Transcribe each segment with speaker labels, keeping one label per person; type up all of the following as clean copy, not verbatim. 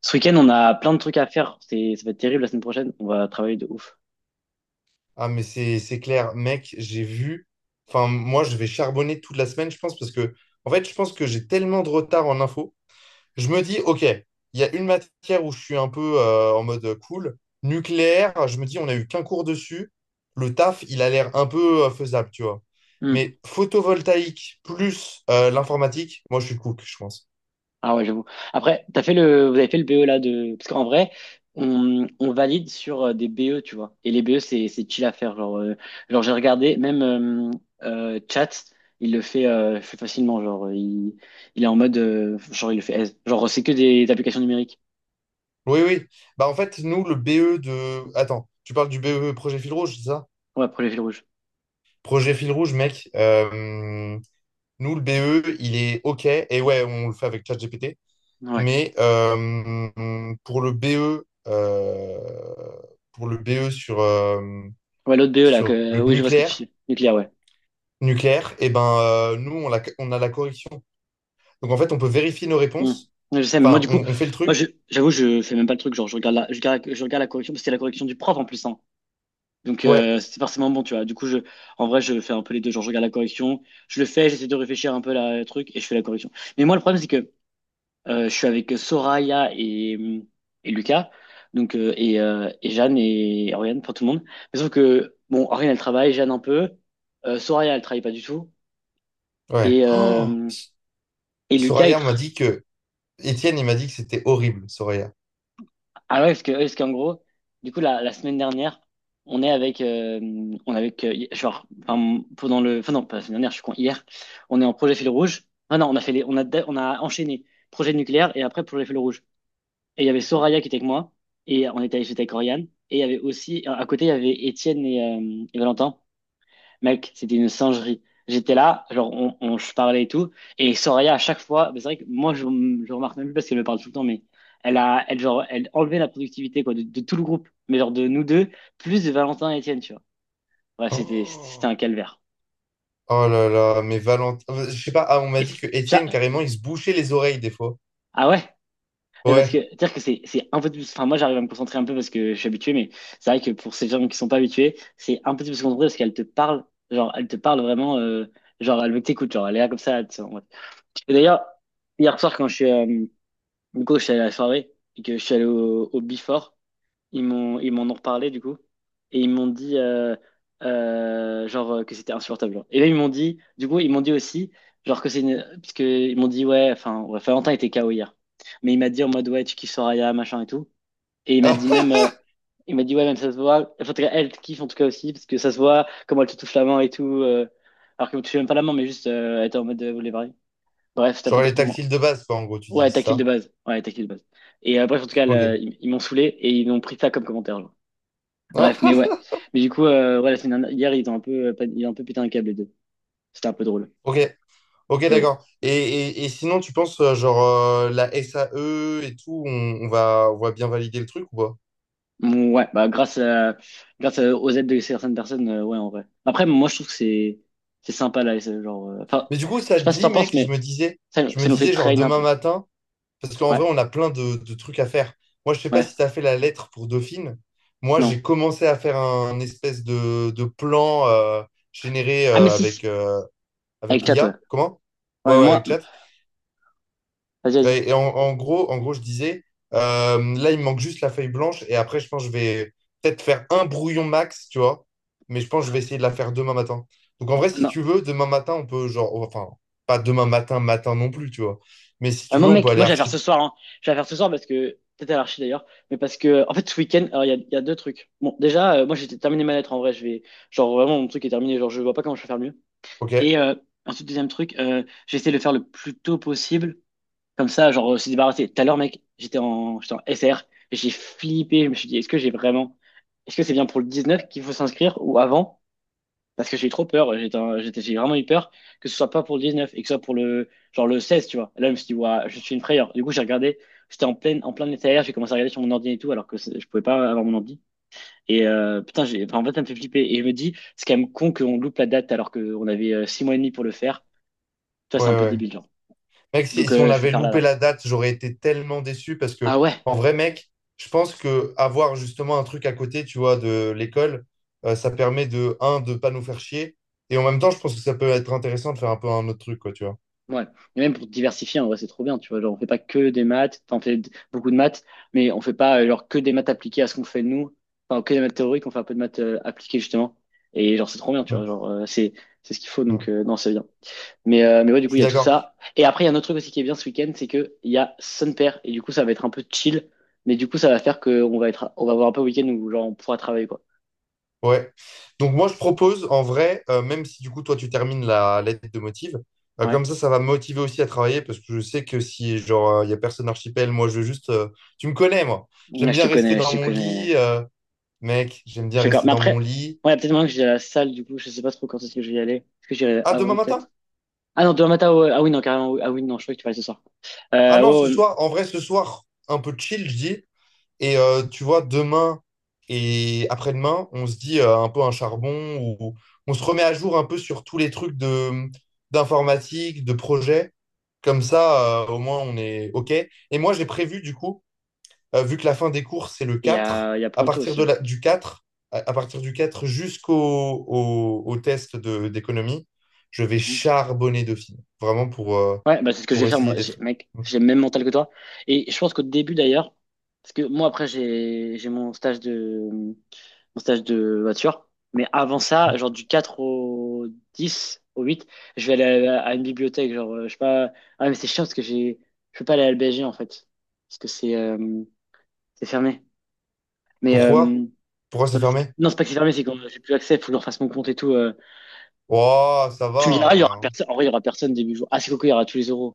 Speaker 1: Ce week-end, on a plein de trucs à faire. Ça va être terrible la semaine prochaine. On va travailler de ouf.
Speaker 2: Ah, mais c'est clair, mec, j'ai vu. Enfin, moi, je vais charbonner toute la semaine, je pense, parce que, en fait, je pense que j'ai tellement de retard en info. Je me dis, OK, il y a une matière où je suis un peu en mode cool. Nucléaire, je me dis, on n'a eu qu'un cours dessus. Le taf, il a l'air un peu faisable, tu vois.
Speaker 1: Hmm.
Speaker 2: Mais photovoltaïque plus l'informatique, moi, je suis cook, je pense.
Speaker 1: Ah ouais, j'avoue. Après, vous avez fait le BE là parce qu'en vrai, on valide sur des BE, tu vois. Et les BE, c'est chill à faire. Genre, j'ai regardé, même Chat, le fait facilement. Il est en mode, genre, il le fait aise. Genre, c'est que des applications numériques.
Speaker 2: Oui, oui. Bah, en fait, nous, le BE de, attends, tu parles du BE projet fil rouge, c'est ça?
Speaker 1: Ouais, pour les fils rouges.
Speaker 2: Projet fil rouge, mec. Nous, le BE, il est OK. Et ouais, on le fait avec ChatGPT.
Speaker 1: Ouais.
Speaker 2: Mais pour le BE, pour le BE sur,
Speaker 1: Ouais, l'autre BE là,
Speaker 2: sur le
Speaker 1: oui, je vois ce que tu
Speaker 2: nucléaire,
Speaker 1: dis. Nucléaire, ouais.
Speaker 2: nucléaire, et ben, nous, on, on a la correction. Donc, en fait, on peut vérifier nos
Speaker 1: Hmm.
Speaker 2: réponses.
Speaker 1: Ouais, je sais, mais moi,
Speaker 2: Enfin,
Speaker 1: du coup,
Speaker 2: on fait le truc.
Speaker 1: j'avoue, je fais même pas le truc. Genre, je regarde la correction, parce que c'est la correction du prof en plus, hein. Donc,
Speaker 2: Ouais,
Speaker 1: c'est forcément bon, tu vois. Du coup, en vrai, je fais un peu les deux. Genre, je regarde la correction, je le fais, j'essaie de réfléchir un peu le truc, et je fais la correction. Mais moi, le problème, c'est que je suis avec Soraya et Lucas, donc, et Jeanne et Oriane, pour tout le monde. Mais sauf que, bon, Oriane, elle travaille, Jeanne un peu, Soraya, elle travaille pas du tout,
Speaker 2: ouais.
Speaker 1: et,
Speaker 2: Oh,
Speaker 1: euh, et Lucas, il
Speaker 2: Soraya m'a
Speaker 1: travaille.
Speaker 2: dit que. Étienne, il m'a dit que c'était horrible, Soraya.
Speaker 1: Ah ouais, ouais, parce qu'en gros, du coup, la semaine dernière, on est avec, euh, on est avec, hi- genre, enfin, pendant le, enfin non, pas la semaine dernière, je suis con, hier, on est en projet fil rouge. Ah non, on a fait les, on a, da- on a enchaîné projet nucléaire et après projet fil rouge. Et il y avait Soraya qui était avec moi, et on était allé avec Oriane, et il y avait aussi, à côté, il y avait Étienne et Valentin. Mec, c'était une singerie. J'étais là, genre, je parlais et tout. Et Soraya, à chaque fois, mais c'est vrai que moi, je remarque même plus parce qu'elle me parle tout le temps, mais genre, elle enlevait la productivité, quoi, de tout le groupe, mais genre de nous deux, plus de Valentin et Étienne, tu vois. Ouais, c'était un
Speaker 2: Oh,
Speaker 1: calvaire.
Speaker 2: oh là là, mais Valentin. Je sais pas, ah, on m'a
Speaker 1: Et c'est-
Speaker 2: dit que
Speaker 1: j'a-
Speaker 2: Étienne, carrément, il se bouchait les oreilles des fois.
Speaker 1: ah ouais? Mais Parce
Speaker 2: Ouais.
Speaker 1: que, dire que c'est un peu plus, enfin, moi, j'arrive à me concentrer un peu parce que je suis habitué, mais c'est vrai que pour ces gens qui sont pas habitués, c'est un peu plus concentré parce qu'elle te parle, genre, elle te parle vraiment, genre, elle veut que t'écoutes, genre, elle est là comme ça. Et d'ailleurs, hier soir, quand du coup, je suis allé à la soirée et que je suis allé au Before, ils m'en ont reparlé du coup. Et ils m'ont dit, genre, que c'était insupportable. Genre. Et là, ils m'ont dit, du coup, ils m'ont dit aussi, genre, que c'est une. Parce que ils m'ont dit, ouais, enfin, ouais, Valentin était KO hier. Mais il m'a dit en mode, ouais, tu kiffes Soraya, machin et tout. Et il m'a dit il m'a dit, ouais, même ça se voit. Enfin, en tout cas, elle te kiffe en tout cas aussi, parce que ça se voit comment elle te touche la main et tout. Alors qu'elle ne touche même pas la main, mais juste, elle était en mode, vous voulez parler. Bref, c'était pour
Speaker 2: Genre
Speaker 1: dire
Speaker 2: les
Speaker 1: qu'ils m'ont.
Speaker 2: tactiles de base, quoi, en gros, tu dis
Speaker 1: Ouais,
Speaker 2: c'est
Speaker 1: tactile de
Speaker 2: ça?
Speaker 1: base. Ouais, tactile de base. Et bref, en tout cas,
Speaker 2: Ok.
Speaker 1: là, ils m'ont saoulé et ils ont pris ça comme commentaire. Genre. Bref, mais ouais. Mais du coup, ouais, la semaine dernière, hier, ils ont un peu, ils ont un peu pété un câble, les deux. C'était un peu drôle.
Speaker 2: Ok, ok,
Speaker 1: Mais bon.
Speaker 2: d'accord. Et sinon, tu penses, genre, la SAE et tout, on va bien valider le truc ou pas?
Speaker 1: Mm, ouais, bah, grâce à, grâce aux aides de certaines personnes, ouais, en vrai. Après, moi, je trouve que c'est sympa, là, et c'est genre, enfin,
Speaker 2: Mais du coup,
Speaker 1: je
Speaker 2: ça
Speaker 1: sais
Speaker 2: te
Speaker 1: pas si t'en
Speaker 2: dit,
Speaker 1: penses,
Speaker 2: mec, je
Speaker 1: mais
Speaker 2: me disais,
Speaker 1: ça,
Speaker 2: je me
Speaker 1: ça nous fait
Speaker 2: disais, genre,
Speaker 1: train un
Speaker 2: demain
Speaker 1: peu.
Speaker 2: matin, parce qu'en
Speaker 1: Ouais,
Speaker 2: vrai, on a plein de trucs à faire. Moi, je sais pas
Speaker 1: ouais,
Speaker 2: si tu as fait la lettre pour Dauphine. Moi,
Speaker 1: non.
Speaker 2: j'ai commencé à faire un, espèce de plan généré
Speaker 1: Ah, mais si,
Speaker 2: avec,
Speaker 1: si.
Speaker 2: euh, avec
Speaker 1: Avec chat, ouais.
Speaker 2: l'IA. Comment?
Speaker 1: Ouais,
Speaker 2: Ouais,
Speaker 1: mais
Speaker 2: ouais,
Speaker 1: moi,
Speaker 2: avec chat.
Speaker 1: vas-y, vas-y.
Speaker 2: Ouais, et en gros, je disais, là, il me manque juste la feuille blanche. Et après, je pense que je vais peut-être faire un brouillon max, tu vois. Mais je pense que je vais
Speaker 1: Ah,
Speaker 2: essayer de la faire demain matin. Donc, en vrai, si
Speaker 1: non,
Speaker 2: tu veux, demain matin, on peut, genre, enfin, pas demain matin, matin non plus, tu vois. Mais si
Speaker 1: ah,
Speaker 2: tu
Speaker 1: moi,
Speaker 2: veux, on peut
Speaker 1: mec,
Speaker 2: aller
Speaker 1: moi, je vais la faire ce
Speaker 2: archi.
Speaker 1: soir, hein. Je vais la faire ce soir parce que, peut-être à l'archi d'ailleurs, mais parce que, en fait, ce week-end, alors, il y a deux trucs. Bon, déjà, moi, j'ai terminé ma lettre, en vrai, genre, vraiment, mon truc est terminé, genre, je vois pas comment je peux faire mieux.
Speaker 2: Ok? Ouais,
Speaker 1: Et, ensuite, deuxième truc, j'ai essayé de le faire le plus tôt possible, comme ça, genre, se débarrasser. Tout à l'heure, mec, j'étais en SR, et j'ai flippé, je me suis dit, est-ce que j'ai vraiment, est-ce que c'est bien pour le 19 qu'il faut s'inscrire, ou avant? Parce que j'ai eu trop peur, j'ai vraiment eu peur que ce soit pas pour le 19 et que ce soit pour le 16, tu vois. Et là, je me suis dit, ouah, je suis une frayeur. Du coup, j'ai regardé, j'étais en plein état, j'ai commencé à regarder sur mon ordi et tout, alors que je pouvais pas avoir mon ordi. Et putain, enfin, en fait, ça me fait flipper. Et je me dis, c'est quand même con qu'on loupe la date alors qu'on avait 6 mois et demi pour le faire. Toi,
Speaker 2: ouais,
Speaker 1: c'est un peu
Speaker 2: ouais.
Speaker 1: débile, genre.
Speaker 2: Mec, si,
Speaker 1: Donc,
Speaker 2: si on
Speaker 1: je vais le
Speaker 2: avait
Speaker 1: faire là,
Speaker 2: loupé
Speaker 1: là.
Speaker 2: la date, j'aurais été tellement déçu parce
Speaker 1: Ah
Speaker 2: que,
Speaker 1: ouais?
Speaker 2: en vrai, mec, je pense que avoir justement un truc à côté, tu vois, de l'école, ça permet de, un, de pas nous faire chier. Et en même temps, je pense que ça peut être intéressant de faire un peu un autre truc, quoi, tu vois.
Speaker 1: Ouais. Et même pour diversifier, en vrai, c'est trop bien, tu vois. Genre, on fait pas que des maths, t'en fais beaucoup de maths, mais on fait pas genre que des maths appliquées à ce qu'on fait nous. Enfin, que des maths théoriques, on fait un peu de maths appliquées, justement. Et genre, c'est trop bien, tu vois.
Speaker 2: Mm,
Speaker 1: Genre, c'est ce qu'il faut,
Speaker 2: mm.
Speaker 1: donc, non, c'est bien. Mais ouais, du
Speaker 2: Je
Speaker 1: coup, il y
Speaker 2: suis
Speaker 1: a tout
Speaker 2: d'accord.
Speaker 1: ça. Et après, il y a un autre truc aussi qui est bien ce week-end, c'est que il y a Sun Pair, et du coup, ça va être un peu chill, mais du coup, ça va faire que on va avoir un peu un week-end où, genre, on pourra travailler, quoi.
Speaker 2: Ouais. Donc, moi, je propose, en vrai, même si du coup, toi, tu termines la lettre de motive,
Speaker 1: Ouais.
Speaker 2: comme ça va me motiver aussi à travailler parce que je sais que si, genre, il n'y a personne archipel, moi, je veux juste. Tu me connais, moi.
Speaker 1: Ouais,
Speaker 2: J'aime
Speaker 1: je te
Speaker 2: bien rester
Speaker 1: connais, je
Speaker 2: dans
Speaker 1: te
Speaker 2: mon
Speaker 1: connais.
Speaker 2: lit. Mec, j'aime
Speaker 1: Je
Speaker 2: bien
Speaker 1: suis d'accord.
Speaker 2: rester
Speaker 1: Mais
Speaker 2: dans
Speaker 1: après,
Speaker 2: mon lit.
Speaker 1: ouais, il y a peut-être maintenant que j'ai à la salle, du coup, je sais pas trop quand est-ce que je vais y aller. Est-ce que j'irai
Speaker 2: Ah,
Speaker 1: avant,
Speaker 2: demain matin?
Speaker 1: peut-être? Ah non, demain matin, ouais. Ah oui, non, carrément. Oui. Ah oui, non, je crois que tu vas aller ce soir.
Speaker 2: Ah non, ce
Speaker 1: Ouais, ouais.
Speaker 2: soir, en vrai, ce soir, un peu chill, je dis. Et tu vois, demain et après-demain, on se dit un peu un charbon ou on se remet à jour un peu sur tous les trucs de d'informatique, de projet. Comme ça, au moins, on est OK. Et moi, j'ai prévu, du coup, vu que la fin des courses, c'est le
Speaker 1: Et il y
Speaker 2: 4,
Speaker 1: a, il y a
Speaker 2: à
Speaker 1: Pronto
Speaker 2: partir
Speaker 1: aussi, hein.
Speaker 2: du 4, à partir du 4 jusqu'au au, au test d'économie, je vais
Speaker 1: Mhm.
Speaker 2: charbonner Dauphine, vraiment pour, euh,
Speaker 1: Ouais, bah c'est ce que je vais
Speaker 2: pour
Speaker 1: faire,
Speaker 2: essayer
Speaker 1: moi.
Speaker 2: d'être.
Speaker 1: Mec, j'ai le même mental que toi. Et je pense qu'au début, d'ailleurs, parce que moi, après, j'ai mon stage de voiture. Mais avant ça, genre du 4 au 10, au 8, je vais aller à une bibliothèque. Genre, je sais pas. Ah, mais c'est chiant parce que j'ai je peux pas aller à l'BG, en fait. Parce que c'est fermé. Mais
Speaker 2: Pourquoi? Pourquoi
Speaker 1: bah,
Speaker 2: c'est fermé?
Speaker 1: non, c'est pas que c'est fermé, c'est que j'ai plus accès, faut que je refasse mon compte et tout.
Speaker 2: Oh, ça
Speaker 1: Tu me
Speaker 2: va,
Speaker 1: diras,
Speaker 2: en
Speaker 1: il y
Speaker 2: vrai,
Speaker 1: aura
Speaker 2: hein.
Speaker 1: personne. En vrai, il y aura personne début jour. Ah, c'est coco, il y aura tous les euros.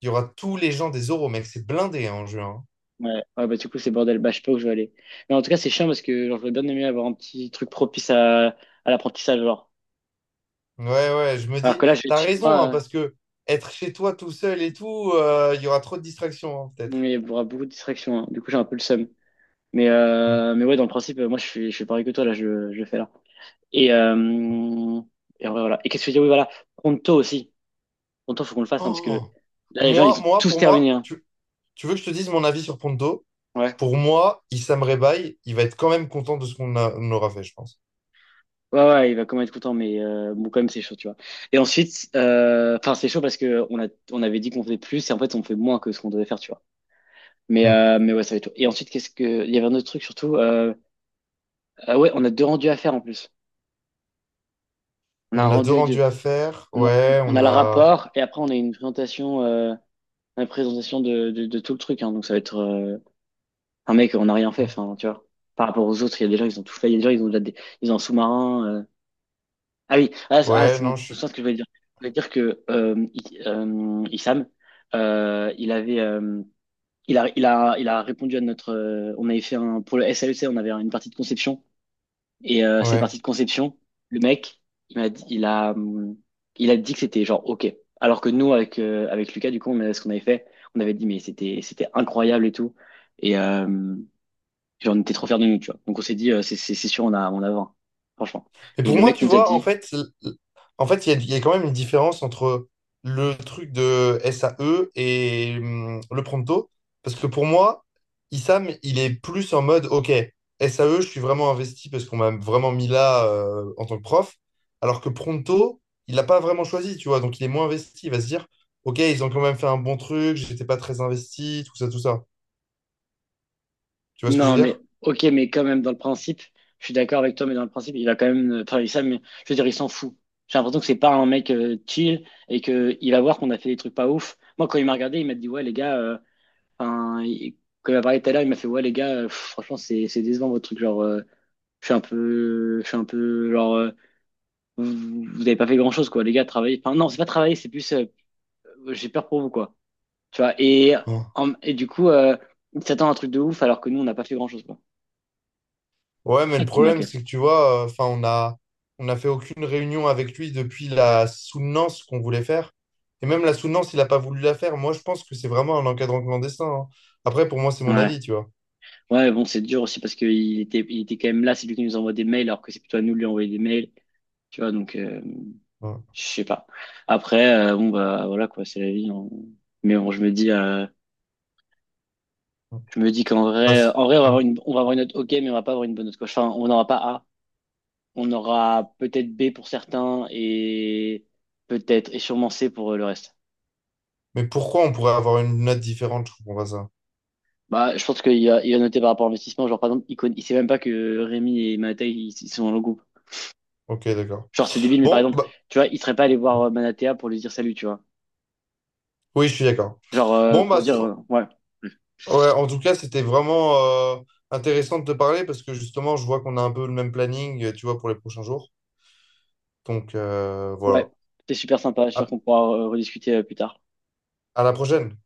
Speaker 2: Il y aura tous les gens des euros, mec, c'est blindé hein, en juin.
Speaker 1: Ouais, ouais, bah du coup c'est bordel, bah je sais pas où je vais aller. Mais en tout cas c'est chiant parce que genre, j'aurais bien aimé avoir un petit truc propice à l'apprentissage genre.
Speaker 2: Hein. Ouais, ouais, je me
Speaker 1: Alors que
Speaker 2: dis,
Speaker 1: là je vais être
Speaker 2: t'as
Speaker 1: chez moi,
Speaker 2: raison, hein, parce que être chez toi tout seul et tout, il y aura trop de distractions, hein, peut-être.
Speaker 1: mais il y aura beaucoup de distractions, hein. Du coup j'ai un peu le seum. Mais
Speaker 2: Mm.
Speaker 1: euh, mais ouais, dans le principe moi je suis pareil que toi, là je le fais là. Et euh, et en vrai, voilà. Et qu'est-ce que je veux dire? Oui, voilà, Pronto aussi. Pronto faut qu'on le fasse, hein, parce que
Speaker 2: Oh.
Speaker 1: là les gens
Speaker 2: Moi,
Speaker 1: ils ont
Speaker 2: moi,
Speaker 1: tous
Speaker 2: pour moi,
Speaker 1: terminé, hein.
Speaker 2: tu- Tu veux que je te dise mon avis sur Ponto?
Speaker 1: Ouais.
Speaker 2: Pour moi, Issam Rebaï, il va être quand même content de ce qu'on aura fait, je pense.
Speaker 1: Ouais, ouais, il va quand même être content, mais bon, quand même, c'est chaud, tu vois. Et ensuite, enfin, c'est chaud parce que on avait dit qu'on faisait plus et en fait, on fait moins que ce qu'on devait faire, tu vois. Mais,
Speaker 2: Hmm.
Speaker 1: euh, mais ouais, ça va être chaud. Et ensuite, qu'est-ce que, il y avait un autre truc surtout. Ah ouais, on a deux rendus à faire en plus. On a un
Speaker 2: On a deux
Speaker 1: rendu de,
Speaker 2: rendus à faire.
Speaker 1: on a,
Speaker 2: Ouais,
Speaker 1: on
Speaker 2: on
Speaker 1: a le
Speaker 2: a.
Speaker 1: rapport et après, on a une présentation de tout le truc, hein. Donc, ça va être un mec, on n'a rien fait, enfin, tu vois. Par rapport aux autres, il y a des gens, ils ont tout fait. Il y a des gens, ils ont déjà des, ils ont un sous-marin. Ah oui, ah,
Speaker 2: Ouais,
Speaker 1: c'est bon,
Speaker 2: non, je
Speaker 1: je
Speaker 2: suis.
Speaker 1: sens ce que je voulais dire. Je voulais dire que Issam, il avait, euh, il a répondu à notre. On avait fait un pour le SAEC, on avait une partie de conception et cette
Speaker 2: Ouais.
Speaker 1: partie de conception, le mec, il m'a dit, il a dit que c'était genre ok. Alors que nous avec avec Lucas, du coup, ce qu'on avait fait, on avait dit mais c'était incroyable et tout et genre, on était trop fiers de nous, tu vois. Donc on s'est dit c'est c'est sûr on a 20, franchement.
Speaker 2: Et
Speaker 1: Et
Speaker 2: pour
Speaker 1: le
Speaker 2: moi,
Speaker 1: mec
Speaker 2: tu
Speaker 1: nous a
Speaker 2: vois, en
Speaker 1: dit
Speaker 2: fait, il y a quand même une différence entre le truc de SAE et le Pronto. Parce que pour moi, Issam, il est plus en mode, OK, SAE, je suis vraiment investi parce qu'on m'a vraiment mis là en tant que prof. Alors que Pronto, il n'a pas vraiment choisi, tu vois. Donc, il est moins investi. Il va se dire, OK, ils ont quand même fait un bon truc, j'étais pas très investi, tout ça, tout ça. Tu vois ce que je veux
Speaker 1: non, mais
Speaker 2: dire?
Speaker 1: ok, mais quand même, dans le principe, je suis d'accord avec toi, mais dans le principe, il a quand même travaillé ça, mais je veux dire, il s'en fout. J'ai l'impression que c'est pas un mec chill et que il va voir qu'on a fait des trucs pas ouf. Moi, quand il m'a regardé, il m'a dit, ouais, les gars, enfin, il- quand il m'a parlé tout à l'heure, il m'a fait, ouais, les gars, pff, franchement, c'est décevant votre truc. Genre, je suis un peu, genre, vous avez pas fait grand-chose, quoi, les gars, travailler. Enfin, non, c'est pas travailler, c'est plus, j'ai peur pour vous, quoi. Tu vois, et du coup, il s'attend à un truc de ouf alors que nous, on n'a pas fait grand-chose, quoi.
Speaker 2: Ouais, mais le
Speaker 1: Ah, qui
Speaker 2: problème,
Speaker 1: m'inquiète.
Speaker 2: c'est que tu vois, enfin, on a fait aucune réunion avec lui depuis la soutenance qu'on voulait faire. Et même la soutenance, il n'a pas voulu la faire. Moi, je pense que c'est vraiment un encadrant clandestin. Hein. Après, pour moi, c'est mon
Speaker 1: Ouais.
Speaker 2: avis, tu vois.
Speaker 1: Ouais, bon, c'est dur aussi parce qu'il était quand même là, c'est lui qui nous envoie des mails, alors que c'est plutôt à nous de lui envoyer des mails, tu vois, donc
Speaker 2: Ouais.
Speaker 1: je sais pas. Après, bon, bah voilà quoi, c'est la vie. Mais bon, je me dis qu'en vrai,
Speaker 2: Parce-
Speaker 1: en vrai,
Speaker 2: ouais.
Speaker 1: on va avoir une note OK, mais on va pas avoir une bonne note quoi. Enfin, on n'aura pas A, on aura peut-être B pour certains et peut-être et sûrement C pour le reste.
Speaker 2: Mais pourquoi on pourrait avoir une note différente? Je comprends pas ça.
Speaker 1: Bah, je pense qu'il a noté par rapport à l'investissement, genre par exemple, il connaît, il sait même pas que Rémi et Mattei ils sont dans le groupe.
Speaker 2: Ok, d'accord.
Speaker 1: Genre, c'est débile, mais par
Speaker 2: Bon,
Speaker 1: exemple,
Speaker 2: bah,
Speaker 1: tu vois, il serait pas allé voir Manatea pour lui dire salut, tu vois.
Speaker 2: oui, je suis d'accord.
Speaker 1: Genre,
Speaker 2: Bon,
Speaker 1: pour
Speaker 2: bah,
Speaker 1: dire, ouais,
Speaker 2: ouais, en tout cas, c'était vraiment euh, intéressant de te parler parce que justement, je vois qu'on a un peu le même planning, tu vois, pour les prochains jours. Donc,
Speaker 1: ouais,
Speaker 2: voilà.
Speaker 1: t'es super sympa, je suis sûr
Speaker 2: à
Speaker 1: qu'on pourra rediscuter plus tard.
Speaker 2: à la prochaine.